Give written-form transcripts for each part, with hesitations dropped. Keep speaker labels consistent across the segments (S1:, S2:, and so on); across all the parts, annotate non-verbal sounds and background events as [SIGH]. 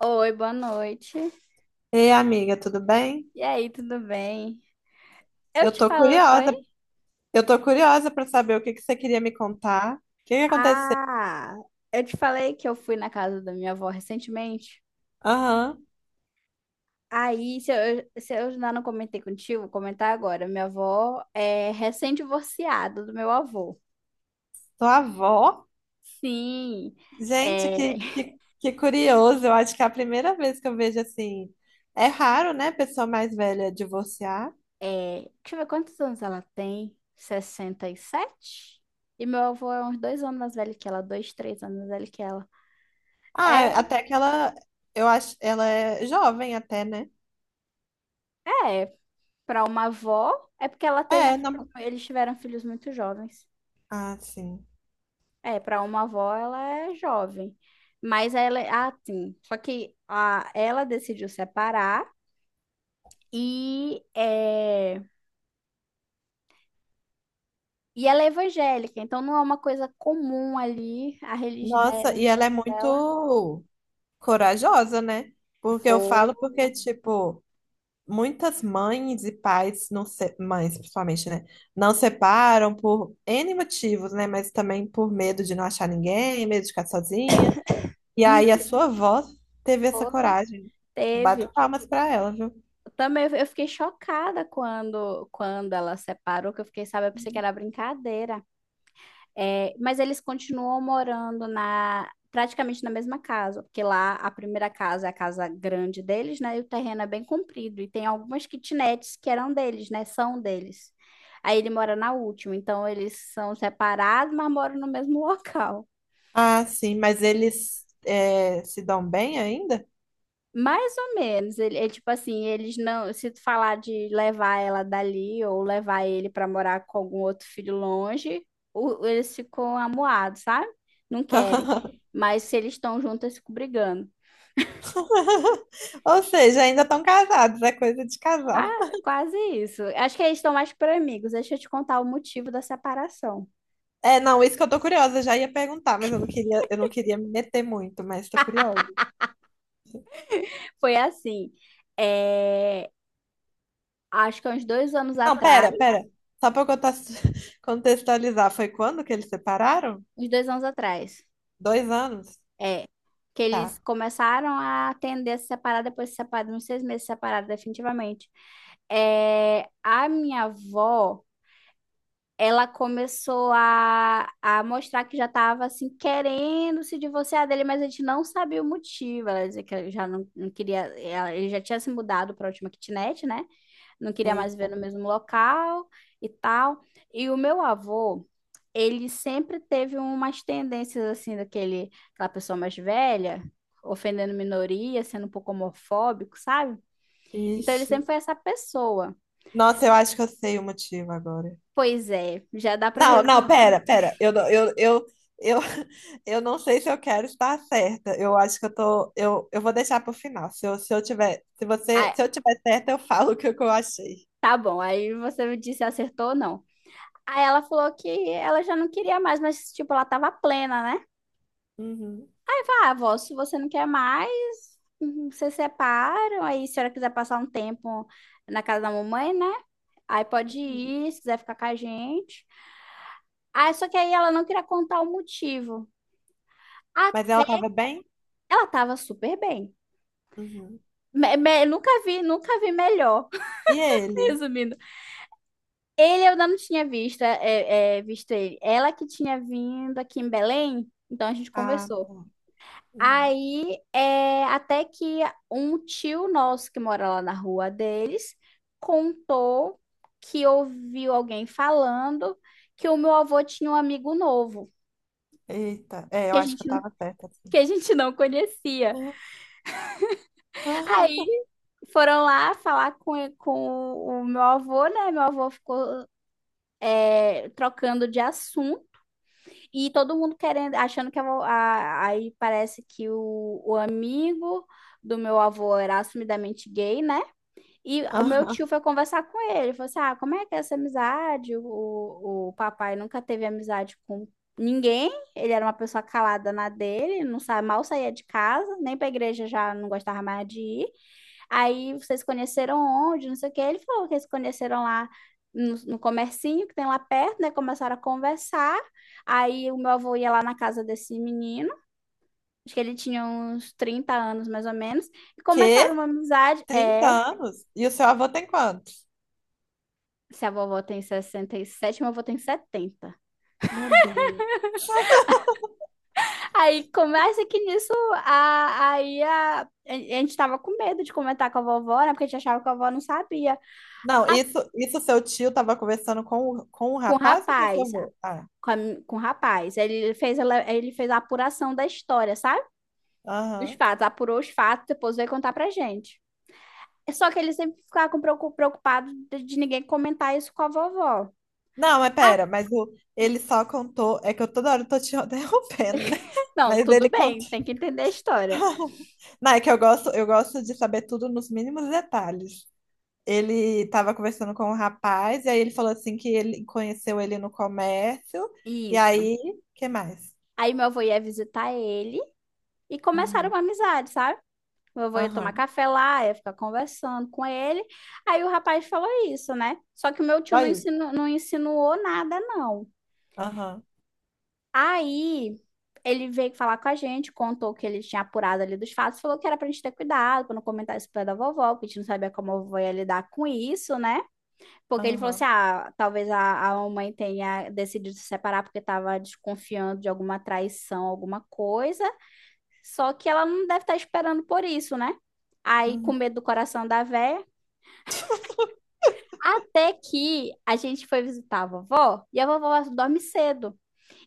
S1: Oi, boa noite.
S2: Ei, amiga, tudo bem?
S1: E aí, tudo bem? Eu
S2: Eu
S1: te
S2: tô
S1: falo. Oi?
S2: curiosa, eu tô curiosa pra saber o que que você queria me contar. O que que aconteceu?
S1: Ah, eu te falei que eu fui na casa da minha avó recentemente.
S2: Aham.
S1: Aí, se eu ainda não comentei contigo, vou comentar agora. Minha avó é recém-divorciada do meu avô.
S2: Sua avó?
S1: Sim.
S2: Gente,
S1: É,
S2: que curioso. Eu acho que é a primeira vez que eu vejo assim. É raro, né, pessoa mais velha divorciar.
S1: deixa eu ver quantos anos ela tem. 67. E meu avô é uns 2 anos mais velho que ela, dois, 3 anos mais velho que ela. É,
S2: Ah, até que ela, eu acho, ela é jovem até, né?
S1: é, Para uma avó, é porque ela teve
S2: É,
S1: filhos,
S2: não.
S1: eles tiveram filhos muito jovens.
S2: Ah, sim.
S1: É, para uma avó ela é jovem. Mas ela, é, ah, sim. Só que a, ela decidiu separar e e ela é evangélica, então não é uma coisa comum ali a a
S2: Nossa, e ela é
S1: religião dela.
S2: muito corajosa, né? Porque eu
S1: Foi,
S2: falo porque, tipo, muitas mães e pais, mães principalmente, né? Não separam por N motivos, né? Mas também por medo de não achar ninguém, medo de ficar sozinha. E aí
S1: hum,
S2: a sua avó teve essa
S1: foi,
S2: coragem.
S1: teve.
S2: Bato palmas pra ela, viu?
S1: Eu também eu fiquei chocada quando ela separou, que eu fiquei, sabe, eu pensei que era brincadeira. É, mas eles continuam morando na praticamente na mesma casa, porque lá a primeira casa é a casa grande deles, né? E o terreno é bem comprido e tem algumas kitnets que eram deles, né? São deles. Aí ele mora na última, então eles são separados, mas moram no mesmo [LAUGHS] local.
S2: Ah, sim, mas eles é, se dão bem ainda?
S1: Mais ou menos, ele é tipo assim, eles não, se tu falar de levar ela dali ou levar ele pra morar com algum outro filho longe, eles ficam amuados, sabe? Não querem.
S2: [LAUGHS]
S1: Mas se eles estão juntos, eles ficam brigando.
S2: Ou seja, ainda estão casados, é coisa de casal.
S1: Quase isso. Acho que eles estão mais por amigos. Deixa eu te contar o motivo da separação.
S2: É, não, isso que eu tô curiosa, já ia perguntar, mas eu não queria me meter muito, mas tô curiosa.
S1: Foi assim, é, acho que há uns dois anos
S2: Não,
S1: atrás,
S2: pera, pera. Só pra eu conta- [LAUGHS] contextualizar, foi quando que eles separaram?
S1: uns dois anos atrás.
S2: Dois anos?
S1: É, que eles
S2: Tá.
S1: começaram a atender a se separar, depois se separaram, uns 6 meses separados definitivamente. É, a minha avó, ela começou a mostrar que já estava assim, querendo se divorciar dele, mas a gente não sabia o motivo. Ela dizia que já não queria, ele já tinha se mudado para a última kitnet, né? Não queria mais
S2: Eita.
S1: viver no mesmo local e tal. E o meu avô ele sempre teve umas tendências assim daquele, aquela pessoa mais velha, ofendendo minoria, sendo um pouco homofóbico, sabe? Então ele
S2: Ixi.
S1: sempre foi essa pessoa.
S2: Nossa, eu acho que eu sei o motivo agora.
S1: Pois é, já dá para
S2: Não, não,
S1: resumir.
S2: pera, pera. Eu, não- eu, [LAUGHS] eu não sei se eu quero estar certa. Eu acho que eu tô. Eu vou deixar pro final. Se eu, se eu tiver, se você,
S1: Ah,
S2: se eu tiver certa, eu falo o que eu achei.
S1: tá bom, aí você me disse se acertou ou não. Aí ela falou que ela já não queria mais, mas tipo, ela tava plena, né?
S2: Uhum.
S1: Tá, avó, se você não quer mais, uhum, vocês separam, aí se a senhora quiser passar um tempo na casa da mamãe, né? Aí pode ir, se quiser ficar com a gente. Ah, só que aí ela não queria contar o motivo. Ah,
S2: Mas ela tava bem?
S1: ela tava super bem.
S2: Uhum.
S1: Nunca vi, nunca vi melhor.
S2: E
S1: [LAUGHS]
S2: ele?
S1: Resumindo, ele eu ainda não tinha visto, visto ele. Ela que tinha vindo aqui em Belém, então a gente
S2: Ah,
S1: conversou.
S2: tá. Uhum.
S1: Aí, é, até que um tio nosso que mora lá na rua deles contou que ouviu alguém falando que o meu avô tinha um amigo novo,
S2: Eita, é, eu
S1: que a
S2: acho que eu
S1: gente,
S2: tava certa.
S1: que a gente não conhecia. Aí
S2: Aham.
S1: foram lá falar com o meu avô, né? Meu avô ficou trocando de assunto e todo mundo querendo, achando que aí parece que o amigo do meu avô era assumidamente gay, né? E o meu tio
S2: Aham.
S1: foi conversar com ele, falou assim, ah, como é que é essa amizade? O papai nunca teve amizade com ninguém, ele era uma pessoa calada na dele, não sa mal saía de casa, nem pra igreja já não gostava mais de ir. Aí vocês conheceram onde, não sei o que. Ele falou que eles conheceram lá no comercinho que tem lá perto, né? Começaram a conversar. Aí o meu avô ia lá na casa desse menino, acho que ele tinha uns 30 anos mais ou menos, e
S2: Quê?
S1: começaram uma amizade.
S2: 30
S1: É,
S2: anos? E o seu avô tem quantos?
S1: se a vovó tem 67, meu avô tem 70.
S2: Meu Deus.
S1: Aí começa que nisso, a gente tava com medo de comentar com a vovó, né? Porque a gente achava que a vovó não sabia
S2: Não, isso seu tio tava conversando com, com o
S1: com o
S2: rapaz ou com o seu
S1: rapaz.
S2: avô? Ah,
S1: com, a com o rapaz. Ele fez a apuração da história, sabe? Dos
S2: aham.
S1: fatos, apurou os fatos, depois veio contar pra gente. Só que ele sempre ficava com preocupado de ninguém comentar isso com a vovó.
S2: Não, mas
S1: Ah,
S2: pera, mas o, ele só contou. É que eu toda hora tô te [LAUGHS] interrompendo, né?
S1: não,
S2: Mas
S1: tudo
S2: ele
S1: bem,
S2: contou.
S1: tem que entender a história.
S2: [LAUGHS] Não, é que eu gosto de saber tudo nos mínimos detalhes. Ele tava conversando com o rapaz, e aí ele falou assim que ele conheceu ele no comércio, e
S1: Isso.
S2: aí, que mais?
S1: Aí meu avô ia visitar ele e começaram
S2: Uhum.
S1: uma amizade, sabe? Meu avô ia tomar
S2: Aham.
S1: café lá, ia ficar conversando com ele. Aí o rapaz falou isso, né? Só que o meu tio
S2: Saiu.
S1: não insinuou nada, não.
S2: Aham.
S1: Aí ele veio falar com a gente, contou que ele tinha apurado ali dos fatos, falou que era pra gente ter cuidado, pra não comentar isso perto da vovó, porque a gente não sabia como a vovó ia lidar com isso, né? Porque ele falou assim:
S2: Aham.
S1: ah, talvez a mãe tenha decidido se separar porque tava desconfiando de alguma traição, alguma coisa, só que ela não deve estar esperando por isso, né? Aí, com
S2: Uhum.
S1: medo do coração da véia. Até que a gente foi visitar a vovó e a vovó dorme cedo.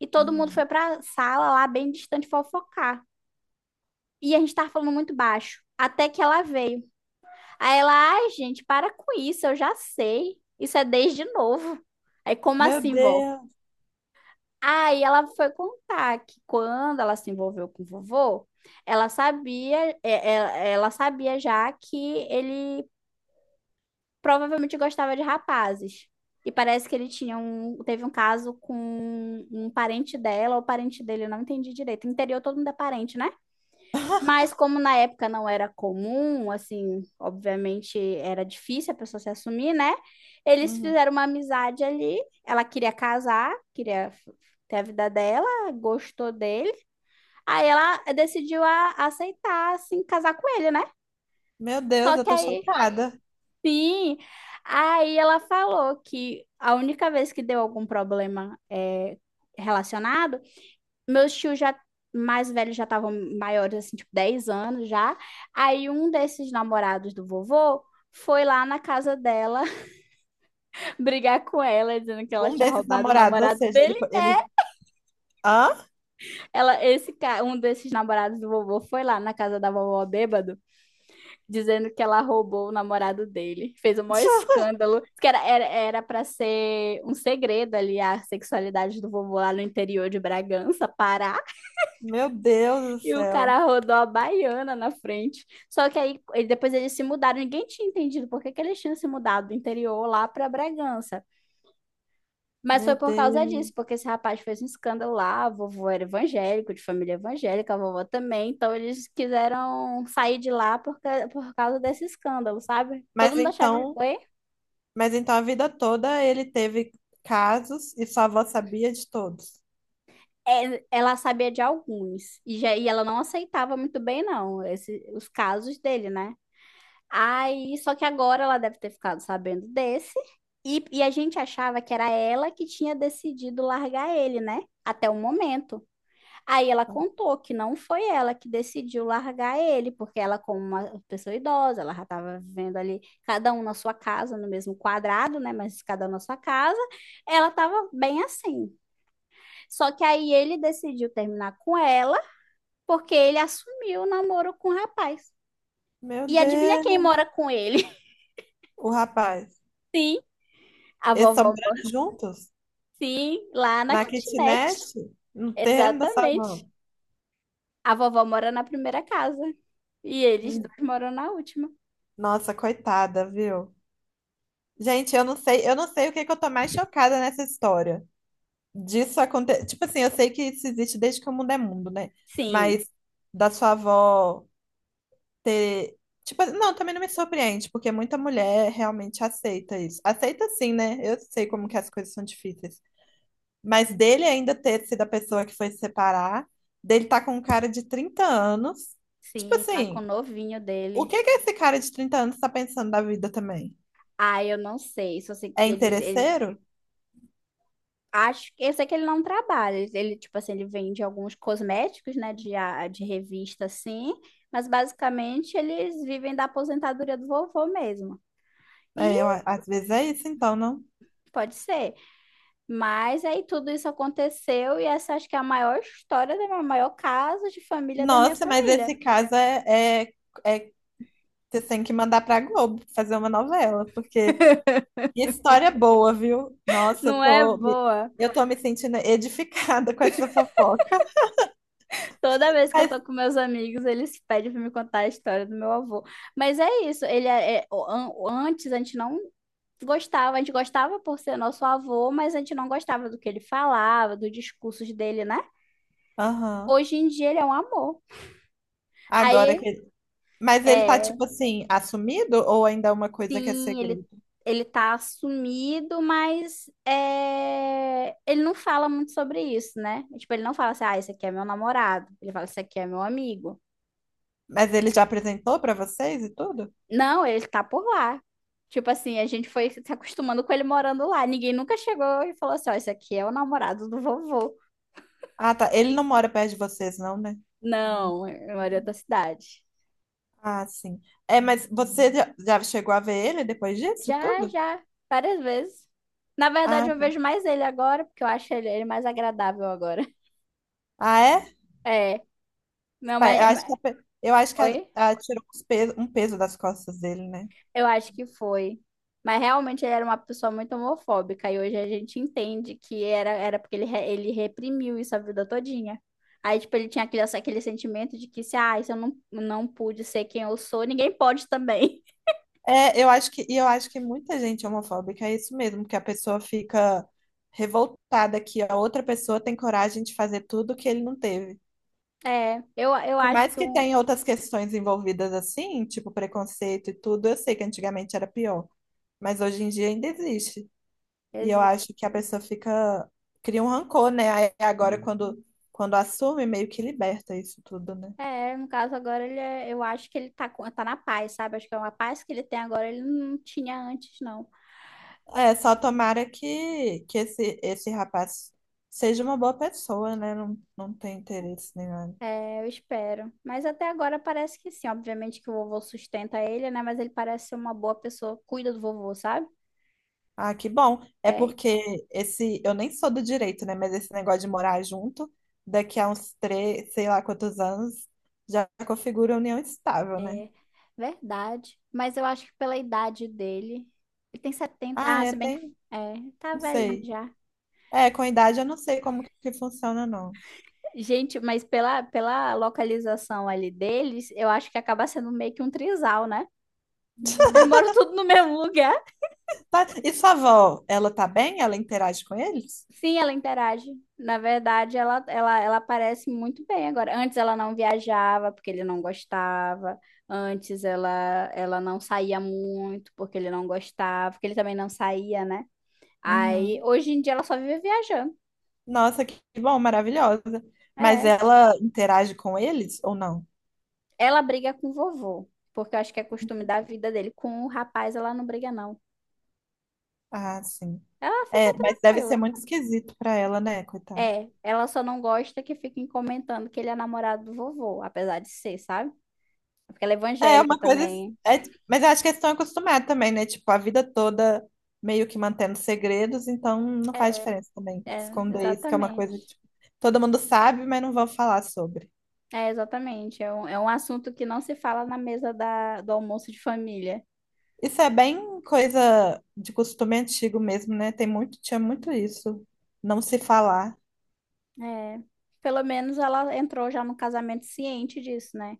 S1: E todo mundo
S2: Uhum.
S1: foi pra sala lá bem distante fofocar. E a gente tava falando muito baixo. Até que ela veio. Aí ela, ai, gente, para com isso, eu já sei. Isso é desde novo. Aí, como
S2: Meu
S1: assim, vó?
S2: Deus.
S1: Aí ela foi contar que quando ela se envolveu com o vovô, ela sabia, ela sabia já que ele provavelmente gostava de rapazes. E parece que ele teve um caso com um parente dela ou parente dele, eu não entendi direito. Interior todo mundo é parente, né?
S2: [LAUGHS]
S1: Mas como na época não era comum, assim, obviamente era difícil a pessoa se assumir, né? Eles
S2: Uhum.
S1: fizeram uma amizade ali. Ela queria casar, ter a vida dela, gostou dele. Aí ela decidiu aceitar, assim, casar com ele, né?
S2: Meu Deus,
S1: Só
S2: eu
S1: que
S2: tô
S1: aí,
S2: chocada.
S1: sim, aí ela falou que a única vez que deu algum problema relacionado meus tios já mais velhos já estavam maiores, assim, tipo 10 anos já. Aí um desses namorados do vovô foi lá na casa dela [LAUGHS] brigar com ela, dizendo que ela
S2: Um
S1: tinha
S2: desses
S1: roubado o
S2: namorados, ou
S1: namorado
S2: seja, ele,
S1: dele.
S2: ele... Hã?
S1: Ela, um desses namorados do vovô foi lá na casa da vovó bêbado, dizendo que ela roubou o namorado dele. Fez o maior
S2: [LAUGHS]
S1: escândalo, que era para ser um segredo ali a sexualidade do vovô lá no interior de Bragança, Pará.
S2: Meu Deus do
S1: E o
S2: céu.
S1: cara rodou a baiana na frente. Só que depois eles se mudaram. Ninguém tinha entendido por que que eles tinham se mudado do interior lá para Bragança. Mas
S2: Meu
S1: foi por causa
S2: Deus.
S1: disso, porque esse rapaz fez um escândalo lá. A vovô era evangélico, de família evangélica, a vovó também. Então eles quiseram sair de lá por causa desse escândalo, sabe? Todo
S2: Mas
S1: mundo achava.
S2: então,
S1: Oi?
S2: mas então a vida toda ele teve casos e sua avó sabia de todos.
S1: É, ela sabia de alguns. E ela não aceitava muito bem, não, esse, os casos dele, né? Aí, só que agora ela deve ter ficado sabendo desse. E a gente achava que era ela que tinha decidido largar ele, né? Até o momento. Aí ela contou que não foi ela que decidiu largar ele, porque ela, como uma pessoa idosa, ela já estava vivendo ali, cada um na sua casa, no mesmo quadrado, né? Mas cada um na sua casa. Ela estava bem assim. Só que aí ele decidiu terminar com ela, porque ele assumiu o namoro com o rapaz.
S2: Meu
S1: E adivinha quem
S2: Deus.
S1: mora com ele?
S2: O rapaz.
S1: [LAUGHS] Sim, a
S2: Eles são
S1: vovó.
S2: morando juntos?
S1: Sim, lá na
S2: Na kitnet?
S1: kitnet.
S2: Não tem da
S1: Exatamente.
S2: sabão.
S1: A vovó mora na primeira casa e eles
S2: Hum.
S1: dois moram na última.
S2: Nossa, coitada, viu? Gente, eu não sei o que que eu tô mais chocada nessa história. Disso acontecer. Tipo assim, eu sei que isso existe desde que o mundo é mundo, né?
S1: Sim,
S2: Mas da sua avó ter. Tipo, não, também não me surpreende, porque muita mulher realmente aceita isso. Aceita sim, né? Eu sei como que as coisas são difíceis. Mas dele ainda ter sido a pessoa que foi se separar, dele tá com um cara de 30 anos. Tipo
S1: sim, tá com o
S2: assim,
S1: novinho
S2: o
S1: dele.
S2: que que esse cara de 30 anos tá pensando da vida também?
S1: Ah, eu não sei, só sei
S2: É
S1: que ele,
S2: interesseiro?
S1: acho que eu sei que ele não trabalha. Ele, tipo assim, ele vende alguns cosméticos, né, de revista assim, mas basicamente eles vivem da aposentadoria do vovô mesmo. E
S2: É, eu, às vezes é isso, então, não.
S1: pode ser. Mas aí tudo isso aconteceu e essa acho que é a maior história, a maior caso de família da minha
S2: Nossa, mas
S1: família.
S2: esse caso é- você tem que mandar pra Globo fazer uma novela, porque que história boa, viu? Nossa,
S1: Não é boa.
S2: eu tô me sentindo edificada [LAUGHS] com essa fofoca.
S1: Toda vez que eu
S2: Mas,
S1: tô com meus amigos, eles pedem pra me contar a história do meu avô. Mas é isso, ele é, é- o- an- o- antes a gente não gostava, a gente gostava por ser nosso avô, mas a gente não gostava do que ele falava, dos discursos dele, né?
S2: aham,
S1: Hoje em dia ele é um amor.
S2: agora
S1: Aí,
S2: que. Mas ele tá,
S1: é,
S2: tipo assim, assumido ou ainda é uma coisa que é
S1: sim,
S2: segredo?
S1: ele tá sumido, mas é, ele não fala muito sobre isso, né? Tipo, ele não fala assim, ah, esse aqui é meu namorado. Ele fala, esse aqui é meu amigo.
S2: Mas ele já apresentou pra vocês e tudo?
S1: Não, ele tá por lá. Tipo assim, a gente foi se acostumando com ele morando lá. Ninguém nunca chegou e falou assim, ó, esse aqui é o namorado do vovô.
S2: Ah, tá. Ele não mora perto de vocês, não, né?
S1: Não, eu moro em outra cidade.
S2: Ah, sim. É, mas você já chegou a ver ele depois disso
S1: Já,
S2: tudo?
S1: já, várias vezes. Na verdade,
S2: Ah,
S1: eu
S2: tá.
S1: vejo mais ele agora, porque eu acho ele mais agradável agora. [LAUGHS]
S2: Ah, é?
S1: É, meu,
S2: Eu
S1: mas...
S2: acho que, eu acho que
S1: Oi?
S2: a tirou um peso das costas dele, né?
S1: Eu acho que foi. Mas realmente ele era uma pessoa muito homofóbica e hoje a gente entende que era porque ele, ele reprimiu isso a vida todinha. Aí, tipo, ele tinha aquele sentimento de que se, ah, se eu não, não pude ser quem eu sou, ninguém pode também. [LAUGHS]
S2: É, eu acho que, e eu acho que muita gente é homofóbica é isso mesmo, que a pessoa fica revoltada que a outra pessoa tem coragem de fazer tudo que ele não teve.
S1: É, eu
S2: Por
S1: acho
S2: mais
S1: que
S2: que
S1: um...
S2: tenha outras questões envolvidas assim, tipo preconceito e tudo, eu sei que antigamente era pior, mas hoje em dia ainda existe. E eu
S1: exi-
S2: acho que a pessoa fica, cria um rancor, né? Aí agora quando assume, meio que liberta isso tudo, né?
S1: É, no caso agora, eu acho que ele tá, tá na paz, sabe? Acho que é uma paz que ele tem agora, ele não tinha antes, não.
S2: É, só tomara que esse rapaz seja uma boa pessoa, né? Não, não tem interesse nenhum.
S1: É, eu espero. Mas até agora parece que sim. Obviamente que o vovô sustenta ele, né? Mas ele parece ser uma boa pessoa, cuida do vovô, sabe?
S2: Ah, que bom. É
S1: É
S2: porque esse, eu nem sou do direito, né? Mas esse negócio de morar junto, daqui a uns três, sei lá quantos anos, já configura união estável, né?
S1: verdade. Mas eu acho que pela idade dele. Ele tem 70.
S2: Ah,
S1: Ah,
S2: é,
S1: se bem que.
S2: tem,
S1: É, tá
S2: não
S1: velhinho
S2: sei.
S1: já.
S2: É, com a idade eu não sei como que funciona, não.
S1: Gente, mas pela localização ali deles, eu acho que acaba sendo meio que um trisal, né?
S2: [LAUGHS]
S1: Eles moram tudo no mesmo lugar.
S2: Tá, e sua avó, ela tá bem? Ela interage com eles?
S1: Sim, ela interage. Na verdade, ela aparece muito bem agora. Antes ela não viajava porque ele não gostava. Antes ela, ela não saía muito porque ele não gostava, porque ele também não saía, né? Aí
S2: Uhum.
S1: hoje em dia ela só vive viajando.
S2: Nossa, que bom, maravilhosa. Mas
S1: É.
S2: ela interage com eles ou não?
S1: Ela briga com o vovô, porque eu acho que é costume da vida dele. Com o rapaz ela não briga, não.
S2: Ah, sim.
S1: Ela
S2: É,
S1: fica
S2: mas deve ser
S1: tranquila.
S2: muito esquisito pra ela, né, coitada?
S1: É, ela só não gosta que fiquem comentando que ele é namorado do vovô, apesar de ser, sabe? Porque ela é
S2: É
S1: evangélica
S2: uma coisa.
S1: também.
S2: É, mas eu acho que eles estão acostumados também, né? Tipo, a vida toda meio que mantendo segredos, então não faz
S1: É,
S2: diferença também
S1: é,
S2: esconder isso, que é uma coisa que
S1: exatamente.
S2: tipo, todo mundo sabe, mas não vão falar sobre.
S1: É, exatamente. É um assunto que não se fala na mesa do almoço de família.
S2: Isso é bem coisa de costume antigo mesmo, né? Tem muito, tinha muito isso, não se falar.
S1: É, pelo menos ela entrou já no casamento ciente disso, né?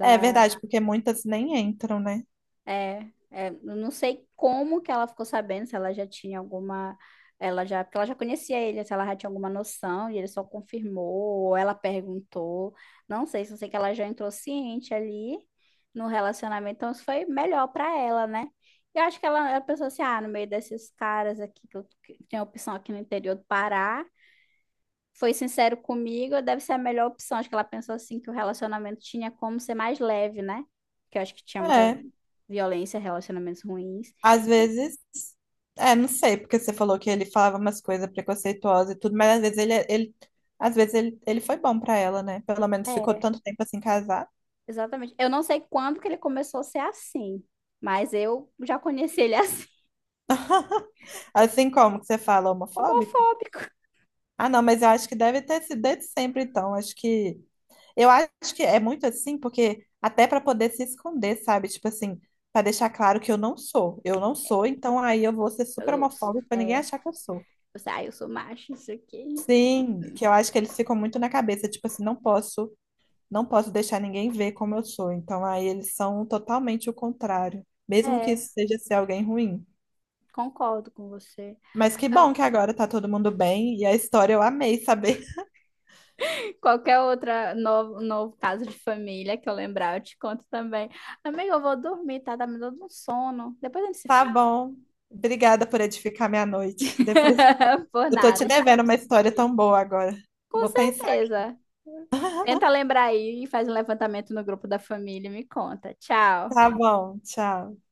S2: É verdade, porque muitas nem entram, né?
S1: é, é, eu não sei como que ela ficou sabendo, se ela já tinha alguma, ela já, porque ela já conhecia ele, se ela já tinha alguma noção e ele só confirmou, ou ela perguntou, não sei, só sei que ela já entrou ciente ali no relacionamento, então isso foi melhor pra ela, né? E eu acho que ela pensou assim, ah, no meio desses caras aqui, que, eu, que tem opção aqui no interior do Pará, foi sincero comigo, deve ser a melhor opção. Acho que ela pensou assim que o relacionamento tinha como ser mais leve, né? Que eu acho que tinha muita
S2: É,
S1: violência, relacionamentos ruins.
S2: às
S1: E-
S2: vezes, é, não sei, porque você falou que ele falava umas coisas preconceituosas e tudo, mas às vezes ele às vezes ele foi bom pra ela, né? Pelo menos ficou
S1: é,
S2: tanto tempo assim casado.
S1: exatamente. Eu não sei quando que ele começou a ser assim, mas eu já conheci ele assim,
S2: Assim como que você fala
S1: [LAUGHS]
S2: homofóbico?
S1: homofóbico.
S2: Ah, não, mas eu acho que deve ter sido desde sempre, então. Acho que eu acho que é muito assim, porque até pra poder se esconder, sabe? Tipo assim, pra deixar claro que eu não sou. Eu não sou, então aí eu vou ser super
S1: Eu,
S2: homofóbico pra ninguém
S1: é,
S2: achar que eu sou.
S1: eu, sei, ah, eu sou macho, isso aqui.
S2: Sim, que eu acho que eles ficam muito na cabeça, tipo assim, não posso deixar ninguém ver como eu sou. Então aí eles são totalmente o contrário, mesmo que
S1: É,
S2: isso seja ser alguém ruim.
S1: concordo com você.
S2: Mas que bom
S1: Ah,
S2: que agora tá todo mundo bem e a história eu amei saber. [LAUGHS]
S1: qualquer outra novo caso de família que eu lembrar, eu te conto também. Amiga, eu vou dormir, tá? Tá me dando um sono. Depois a gente se
S2: Tá
S1: fala.
S2: bom. Obrigada por edificar minha noite. Depois
S1: [LAUGHS] Por
S2: eu tô te
S1: nada,
S2: devendo
S1: estamos
S2: uma
S1: por
S2: história
S1: aqui.
S2: tão boa agora.
S1: Com
S2: Vou pensar.
S1: certeza. Tenta
S2: [LAUGHS]
S1: lembrar aí e faz um levantamento no grupo da família e me conta. Tchau.
S2: Tá bom, tchau.